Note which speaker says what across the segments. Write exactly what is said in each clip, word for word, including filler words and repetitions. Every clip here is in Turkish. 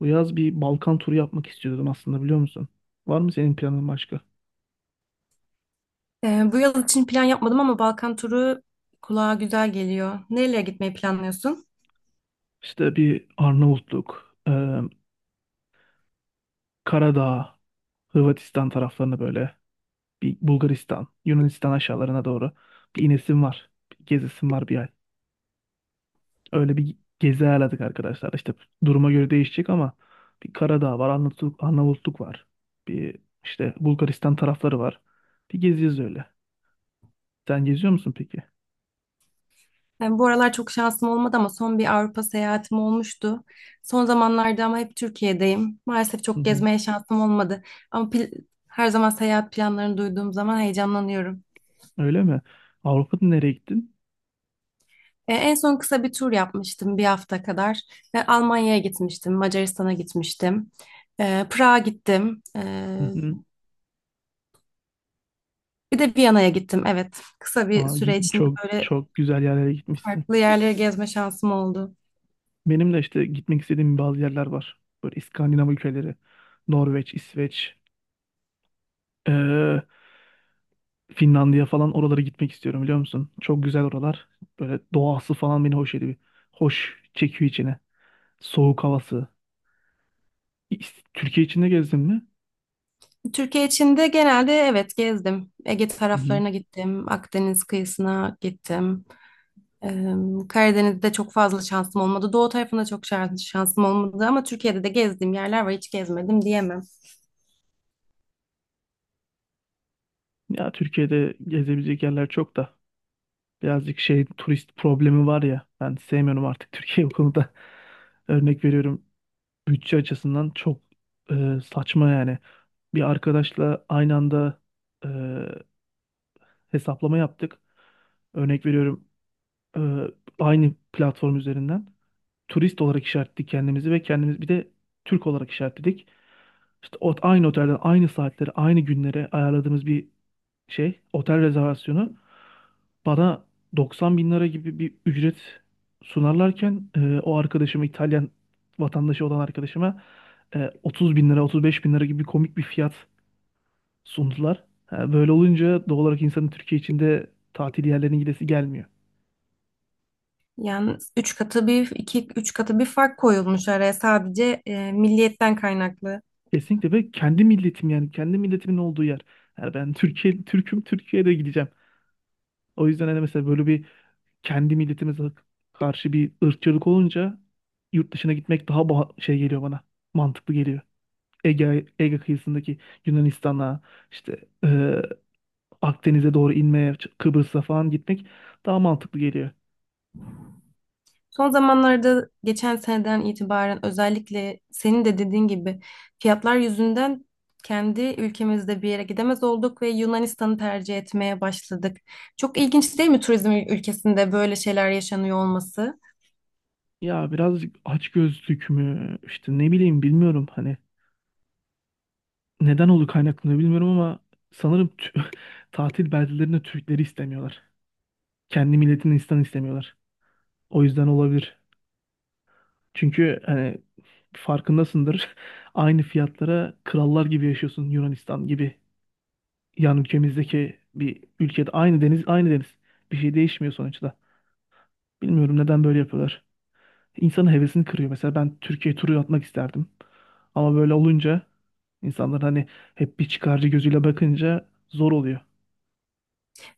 Speaker 1: Bu yaz bir Balkan turu yapmak istiyordum aslında, biliyor musun? Var mı senin planın başka?
Speaker 2: Ee, bu yıl için plan yapmadım ama Balkan turu kulağa güzel geliyor. Nereye gitmeyi planlıyorsun?
Speaker 1: İşte bir Arnavutluk, e, Karadağ, Hırvatistan taraflarına böyle, bir Bulgaristan, Yunanistan aşağılarına doğru bir inesim var, bir gezesim var bir ay. Öyle bir gezi ayarladık arkadaşlar. İşte duruma göre değişecek ama bir Karadağ var, Arnavutluk, Arnavutluk var. Bir işte Bulgaristan tarafları var. Bir geziyoruz öyle. Sen geziyor musun peki?
Speaker 2: Yani bu aralar çok şansım olmadı ama son bir Avrupa seyahatim olmuştu. Son zamanlarda ama hep Türkiye'deyim. Maalesef
Speaker 1: Hı
Speaker 2: çok
Speaker 1: hı.
Speaker 2: gezmeye şansım olmadı. Ama pil- her zaman seyahat planlarını duyduğum zaman heyecanlanıyorum.
Speaker 1: Öyle mi? Avrupa'da nereye gittin?
Speaker 2: E, En son kısa bir tur yapmıştım bir hafta kadar. E, Almanya'ya gitmiştim, Macaristan'a gitmiştim, E, Prag'a gittim, E, bir de Viyana'ya gittim. Evet, kısa bir
Speaker 1: Aa,
Speaker 2: süre
Speaker 1: gü-
Speaker 2: içinde
Speaker 1: çok
Speaker 2: böyle
Speaker 1: çok güzel yerlere gitmişsin.
Speaker 2: farklı yerleri gezme şansım oldu.
Speaker 1: Benim de işte gitmek istediğim bazı yerler var. Böyle İskandinav ülkeleri, Norveç, İsveç, eee, Finlandiya falan, oralara gitmek istiyorum, biliyor musun? Çok güzel oralar. Böyle doğası falan beni hoş ediyor. Hoş çekiyor içine. Soğuk havası. İs- Türkiye içinde gezdin mi?
Speaker 2: Türkiye içinde genelde evet gezdim. Ege
Speaker 1: Hı-hı.
Speaker 2: taraflarına gittim, Akdeniz kıyısına gittim. Ee, Karadeniz'de çok fazla şansım olmadı. Doğu tarafında çok şans- şansım olmadı ama Türkiye'de de gezdiğim yerler var, hiç gezmedim diyemem.
Speaker 1: Ya Türkiye'de gezebilecek yerler çok da. Birazcık şey turist problemi var ya. Ben sevmiyorum artık Türkiye bu konuda. Örnek veriyorum, bütçe açısından çok e, saçma yani. Bir arkadaşla aynı anda e, hesaplama yaptık. Örnek veriyorum, e, aynı platform üzerinden turist olarak işaretledik kendimizi ve kendimiz bir de Türk olarak işaretledik. İşte o aynı otelden, aynı saatlere, aynı günlere ayarladığımız bir şey otel rezervasyonu bana doksan bin lira gibi bir ücret sunarlarken e, o arkadaşıma, İtalyan vatandaşı olan arkadaşıma, e, otuz bin lira, otuz beş bin lira gibi komik bir fiyat sundular. Ha, böyle olunca doğal olarak insanın Türkiye içinde tatil yerlerine gidesi gelmiyor.
Speaker 2: Yani üç katı bir iki üç katı bir fark koyulmuş araya, sadece e, milliyetten kaynaklı.
Speaker 1: Kesinlikle, ve kendi milletim, yani kendi milletimin olduğu yer. Yani ben Türkiye Türk'üm, Türkiye'de gideceğim. O yüzden hani mesela böyle bir kendi milletimize karşı bir ırkçılık olunca yurt dışına gitmek daha ba- şey geliyor bana. Mantıklı geliyor. Ege, Ege kıyısındaki Yunanistan'a, işte e, Akdeniz'e doğru inmeye, Ç- Kıbrıs'a falan gitmek daha mantıklı geliyor.
Speaker 2: Son zamanlarda geçen seneden itibaren özellikle senin de dediğin gibi fiyatlar yüzünden kendi ülkemizde bir yere gidemez olduk ve Yunanistan'ı tercih etmeye başladık. Çok ilginç değil mi turizm ül- ülkesinde böyle şeyler yaşanıyor olması?
Speaker 1: Ya birazcık açgözlük mü, işte ne bileyim, bilmiyorum, hani neden oldu, kaynaklanıyor bilmiyorum, ama sanırım tü- tatil beldelerinde Türkleri istemiyorlar. Kendi milletini insan istemiyorlar. O yüzden olabilir. Çünkü hani farkındasındır, aynı fiyatlara krallar gibi yaşıyorsun Yunanistan gibi. Yan ülkemizdeki bir ülkede, aynı deniz, aynı deniz, bir şey değişmiyor sonuçta. Bilmiyorum neden böyle yapıyorlar. İnsanın hevesini kırıyor. Mesela ben Türkiye turu atmak isterdim. Ama böyle olunca insanlar hani hep bir çıkarcı gözüyle bakınca zor oluyor.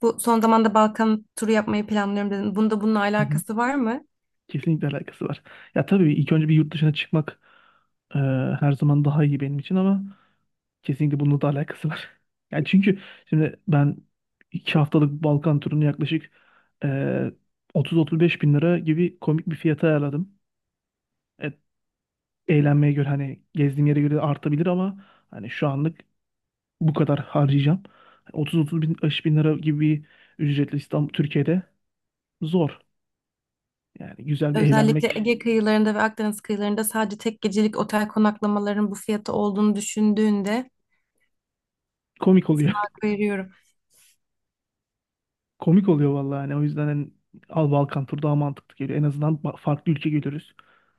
Speaker 2: Bu son zamanda Balkan turu yapmayı planlıyorum dedin. Bunda bununla
Speaker 1: Hı hı.
Speaker 2: alakası var mı?
Speaker 1: Kesinlikle alakası var. Ya tabii ilk önce bir yurt dışına çıkmak e, her zaman daha iyi benim için ama kesinlikle bununla da alakası var. Yani çünkü şimdi ben iki haftalık Balkan turunu yaklaşık e, otuz otuz beş bin lira gibi komik bir fiyata ayarladım. E, Eğlenmeye göre hani, gezdiğim yere göre artabilir ama hani şu anlık bu kadar harcayacağım. otuz otuz bin, elli bin lira gibi bir ücretle İstanbul, Türkiye'de zor. Yani güzel bir
Speaker 2: Özellikle
Speaker 1: eğlenmek
Speaker 2: Ege kıyılarında ve Akdeniz kıyılarında sadece tek gecelik otel konaklamaların bu fiyatı olduğunu düşündüğünde
Speaker 1: komik
Speaker 2: sana
Speaker 1: oluyor.
Speaker 2: hak veriyorum.
Speaker 1: Komik oluyor vallahi yani. O yüzden hani Al Balkan turu daha mantıklı geliyor. En azından ba- farklı ülke görürüz.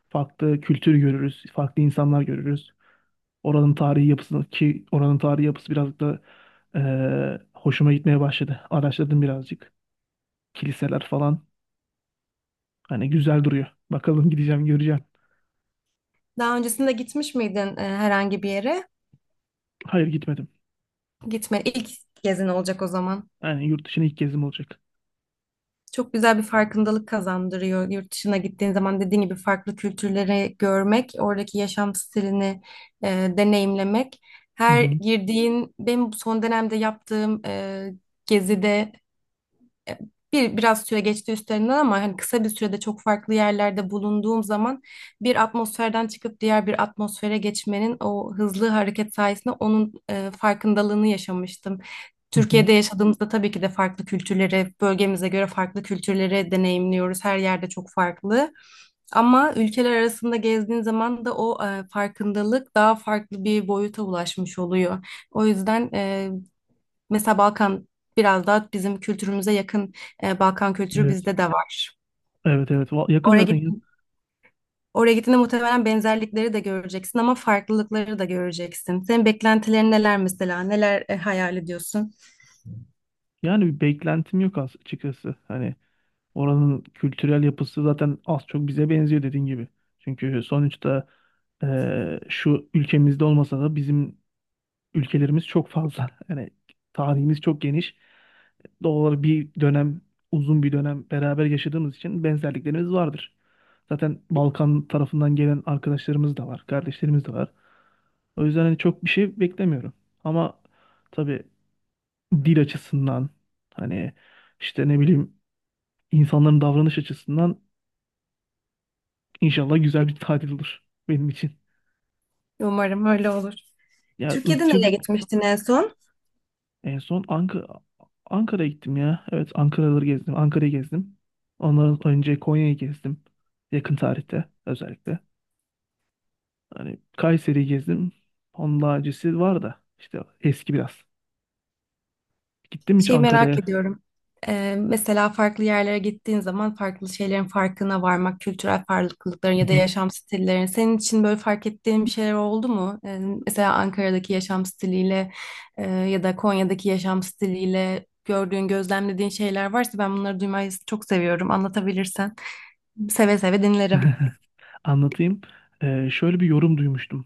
Speaker 1: Farklı kültür görürüz. Farklı insanlar görürüz. Oranın tarihi yapısını, ki oranın tarihi yapısı biraz da eee, hoşuma gitmeye başladı. Araştırdım birazcık. Kiliseler falan hani güzel duruyor. Bakalım, gideceğim, göreceğim.
Speaker 2: Daha öncesinde gitmiş miydin e, herhangi bir yere?
Speaker 1: Hayır, gitmedim.
Speaker 2: Gitme. İlk gezin olacak o zaman.
Speaker 1: Yani yurt dışına ilk gezim olacak.
Speaker 2: Çok güzel bir farkındalık kazandırıyor. Yurt dışına gittiğin zaman dediğin gibi farklı kültürleri görmek, oradaki yaşam stilini e, deneyimlemek.
Speaker 1: Hı
Speaker 2: Her
Speaker 1: hı.
Speaker 2: girdiğin, benim son dönemde yaptığım e, gezide, e, bir biraz süre geçti üstlerinden ama hani kısa bir sürede çok farklı yerlerde bulunduğum zaman bir atmosferden çıkıp diğer bir atmosfere geçmenin o hızlı hareket sayesinde onun e, farkındalığını yaşamıştım.
Speaker 1: Hı hı.
Speaker 2: Türkiye'de yaşadığımızda tabii ki de farklı kültürleri, bölgemize göre farklı kültürleri deneyimliyoruz. Her yerde çok farklı. Ama ülkeler arasında gezdiğin zaman da o e, farkındalık daha farklı bir boyuta ulaşmış oluyor. O yüzden e, mesela Balkan biraz daha bizim kültürümüze yakın, e, Balkan kültürü
Speaker 1: Evet.
Speaker 2: bizde de var.
Speaker 1: Evet evet. Va- Yakın
Speaker 2: Oraya
Speaker 1: zaten,
Speaker 2: git
Speaker 1: ya.
Speaker 2: Oraya gittiğinde muhtemelen benzerlikleri de göreceksin ama farklılıkları da göreceksin. Senin beklentilerin neler mesela? Neler e, hayal ediyorsun?
Speaker 1: Yani bir beklentim yok as- açıkçası. Hani oranın kültürel yapısı zaten az çok bize benziyor dediğin gibi. Çünkü sonuçta eee, şu ülkemizde olmasa da bizim ülkelerimiz çok fazla. Yani tarihimiz çok geniş. Doğal olarak bir dönem, uzun bir dönem beraber yaşadığımız için benzerliklerimiz vardır. Zaten Balkan tarafından gelen arkadaşlarımız da var, kardeşlerimiz de var. O yüzden hani çok bir şey beklemiyorum. Ama tabii dil açısından, hani işte ne bileyim, insanların davranış açısından, inşallah güzel bir tatil olur benim için.
Speaker 2: Umarım öyle olur.
Speaker 1: Ya
Speaker 2: Türkiye'de nereye
Speaker 1: ırkçılık
Speaker 2: gitmiştin en son?
Speaker 1: en son Ankara, Ankara'ya gittim ya. Evet Ankara'ları gezdim. Ankara'yı gezdim. Ondan önce Konya'yı gezdim. Yakın tarihte özellikle. Hani Kayseri'yi gezdim. Onun daha öncesi var da işte eski biraz. Gittim hiç
Speaker 2: Şeyi merak
Speaker 1: Ankara'ya.
Speaker 2: ediyorum. Ee, mesela farklı yerlere gittiğin zaman farklı şeylerin farkına varmak, kültürel farklılıkların
Speaker 1: Hı
Speaker 2: ya da
Speaker 1: hı.
Speaker 2: yaşam stillerin. Senin için böyle fark ettiğin bir şeyler oldu mu? Ee, mesela Ankara'daki yaşam stiliyle e, ya da Konya'daki yaşam stiliyle gördüğün, gözlemlediğin şeyler varsa ben bunları duymayı çok seviyorum. Anlatabilirsen seve seve dinlerim.
Speaker 1: Anlatayım. Ee, şöyle bir yorum duymuştum.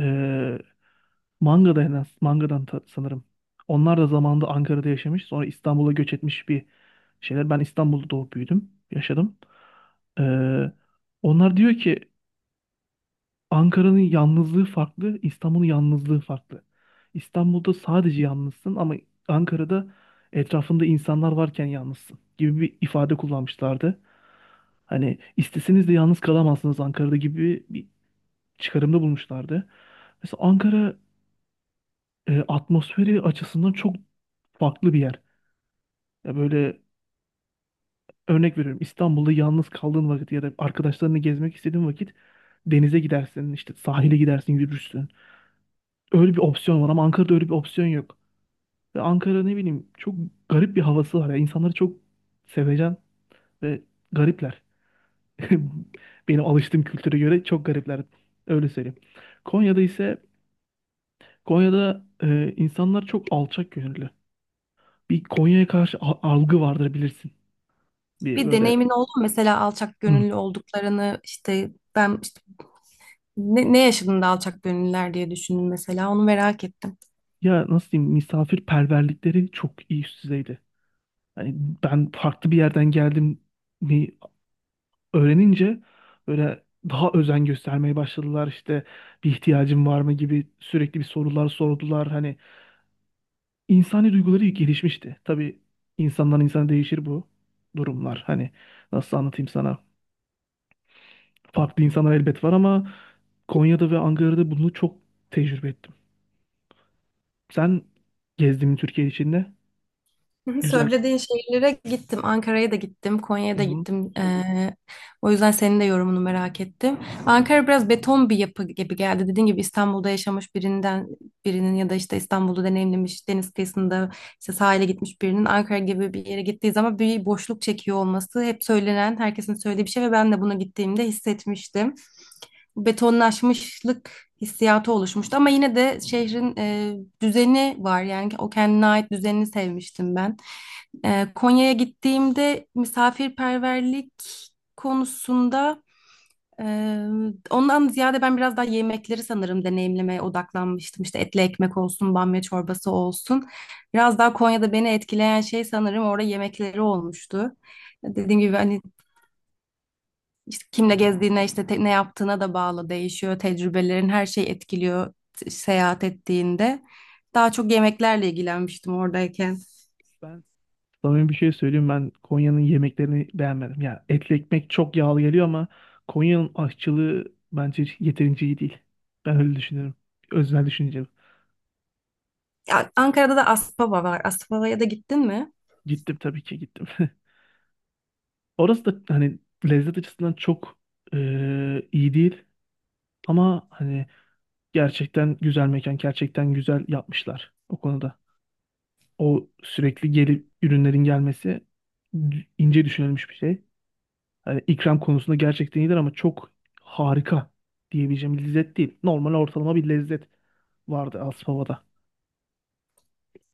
Speaker 1: Ee, Manga'da en az. Manga'dan ta- sanırım. Onlar da zamanında Ankara'da yaşamış. Sonra İstanbul'a göç etmiş bir şeyler. Ben İstanbul'da doğup büyüdüm. Yaşadım. Ee, Onlar diyor ki Ankara'nın yalnızlığı farklı, İstanbul'un yalnızlığı farklı. İstanbul'da sadece yalnızsın ama Ankara'da etrafında insanlar varken yalnızsın gibi bir ifade kullanmışlardı. Hani isteseniz de yalnız kalamazsınız Ankara'da gibi bir çıkarımda bulmuşlardı. Mesela Ankara e, atmosferi açısından çok farklı bir yer. Ya böyle, örnek veriyorum, İstanbul'da yalnız kaldığın vakit ya da arkadaşlarını gezmek istediğin vakit denize gidersin, işte sahile gidersin, yürürsün. Öyle bir opsiyon var ama Ankara'da öyle bir opsiyon yok. Ve Ankara, ne bileyim, çok garip bir havası var ya. İnsanları çok sevecen ve garipler. Benim alıştığım kültüre göre çok garipler. Öyle söyleyeyim. Konya'da ise Konya'da e, insanlar çok alçak gönüllü. Bir Konya'ya karşı a- algı vardır bilirsin. Bir
Speaker 2: Bir
Speaker 1: böyle,
Speaker 2: deneyimin oldu mu? Mesela alçak
Speaker 1: hmm,
Speaker 2: gönüllü olduklarını, işte ben işte ne, ne yaşadın da alçak gönüllüler diye düşündüm, mesela onu merak ettim.
Speaker 1: ya nasıl diyeyim, misafirperverlikleri çok iyi, üst düzeydi. Hani ben farklı bir yerden geldim mi öğrenince böyle daha özen göstermeye başladılar, işte bir ihtiyacım var mı gibi sürekli bir sorular sordular. Hani insani duyguları gelişmişti. Tabii insandan insana değişir bu durumlar. Hani nasıl anlatayım sana? Farklı insanlar elbet var ama Konya'da ve Ankara'da bunu çok tecrübe ettim. Sen gezdin mi Türkiye içinde?
Speaker 2: Hı hı,
Speaker 1: Güzel.
Speaker 2: söylediğin şehirlere gittim. Ankara'ya da gittim. Konya'ya
Speaker 1: Hı
Speaker 2: da
Speaker 1: hı.
Speaker 2: gittim. Ee, o yüzden senin de yorumunu merak ettim. Ankara biraz beton bir yapı gibi geldi. Dediğin gibi İstanbul'da yaşamış birinden birinin ya da işte İstanbul'u deneyimlemiş, deniz kıyısında işte sahile gitmiş birinin Ankara gibi bir yere gittiği zaman bir boşluk çekiyor olması hep söylenen, herkesin söylediği bir şey ve ben de buna gittiğimde hissetmiştim. Betonlaşmışlık hissiyatı oluşmuştu ama yine de şehrin e, düzeni var, yani o kendine ait düzenini sevmiştim ben. E, Konya'ya gittiğimde misafirperverlik konusunda, e, ondan ziyade ben biraz daha yemekleri sanırım deneyimlemeye odaklanmıştım. İşte etli ekmek olsun, bamya çorbası olsun. Biraz daha Konya'da beni etkileyen şey sanırım orada yemekleri olmuştu. Dediğim gibi hani işte kimle gezdiğine, işte te- ne yaptığına da bağlı değişiyor. Tecrübelerin, her şey etkiliyor t- seyahat ettiğinde. Daha çok yemeklerle ilgilenmiştim oradayken.
Speaker 1: Ben Samimi bir şey söyleyeyim, ben Konya'nın yemeklerini beğenmedim. Ya etli ekmek çok yağlı geliyor, ama Konya'nın aşçılığı bence yeterince iyi değil. Ben öyle düşünüyorum. Öznel düşüncem.
Speaker 2: Ya, Ankara'da da Aspava var. Aspava'ya da gittin mi?
Speaker 1: Gittim, tabii ki gittim. Orası da hani lezzet açısından çok eee, iyi değil ama hani gerçekten güzel mekan, gerçekten güzel yapmışlar o konuda. O sürekli gelip ürünlerin gelmesi d- ince düşünülmüş bir şey. Hani ikram konusunda gerçekten iyidir ama çok harika diyebileceğim bir lezzet değil. Normal, ortalama bir lezzet vardı Aspava'da.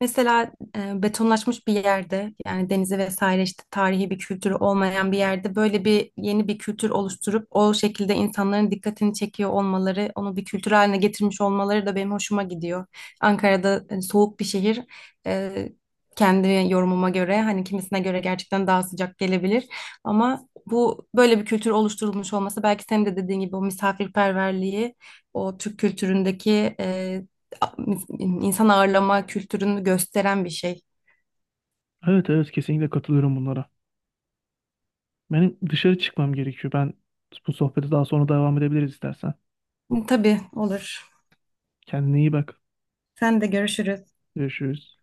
Speaker 2: Mesela e, betonlaşmış bir yerde, yani denizi vesaire işte tarihi bir kültürü olmayan bir yerde böyle bir yeni bir kültür oluşturup o şekilde insanların dikkatini çekiyor olmaları, onu bir kültür haline getirmiş olmaları da benim hoşuma gidiyor. Ankara'da e, soğuk bir şehir, e, kendi yorumuma göre hani kimisine göre gerçekten daha sıcak gelebilir ama bu böyle bir kültür oluşturulmuş olması belki senin de dediğin gibi o misafirperverliği, o Türk kültüründeki e, insan ağırlama kültürünü gösteren bir şey.
Speaker 1: Evet evet, kesinlikle katılıyorum bunlara. Benim dışarı çıkmam gerekiyor. Ben bu sohbete daha sonra devam edebiliriz istersen.
Speaker 2: Tabii, olur.
Speaker 1: Kendine iyi bak.
Speaker 2: Sen de görüşürüz.
Speaker 1: Görüşürüz.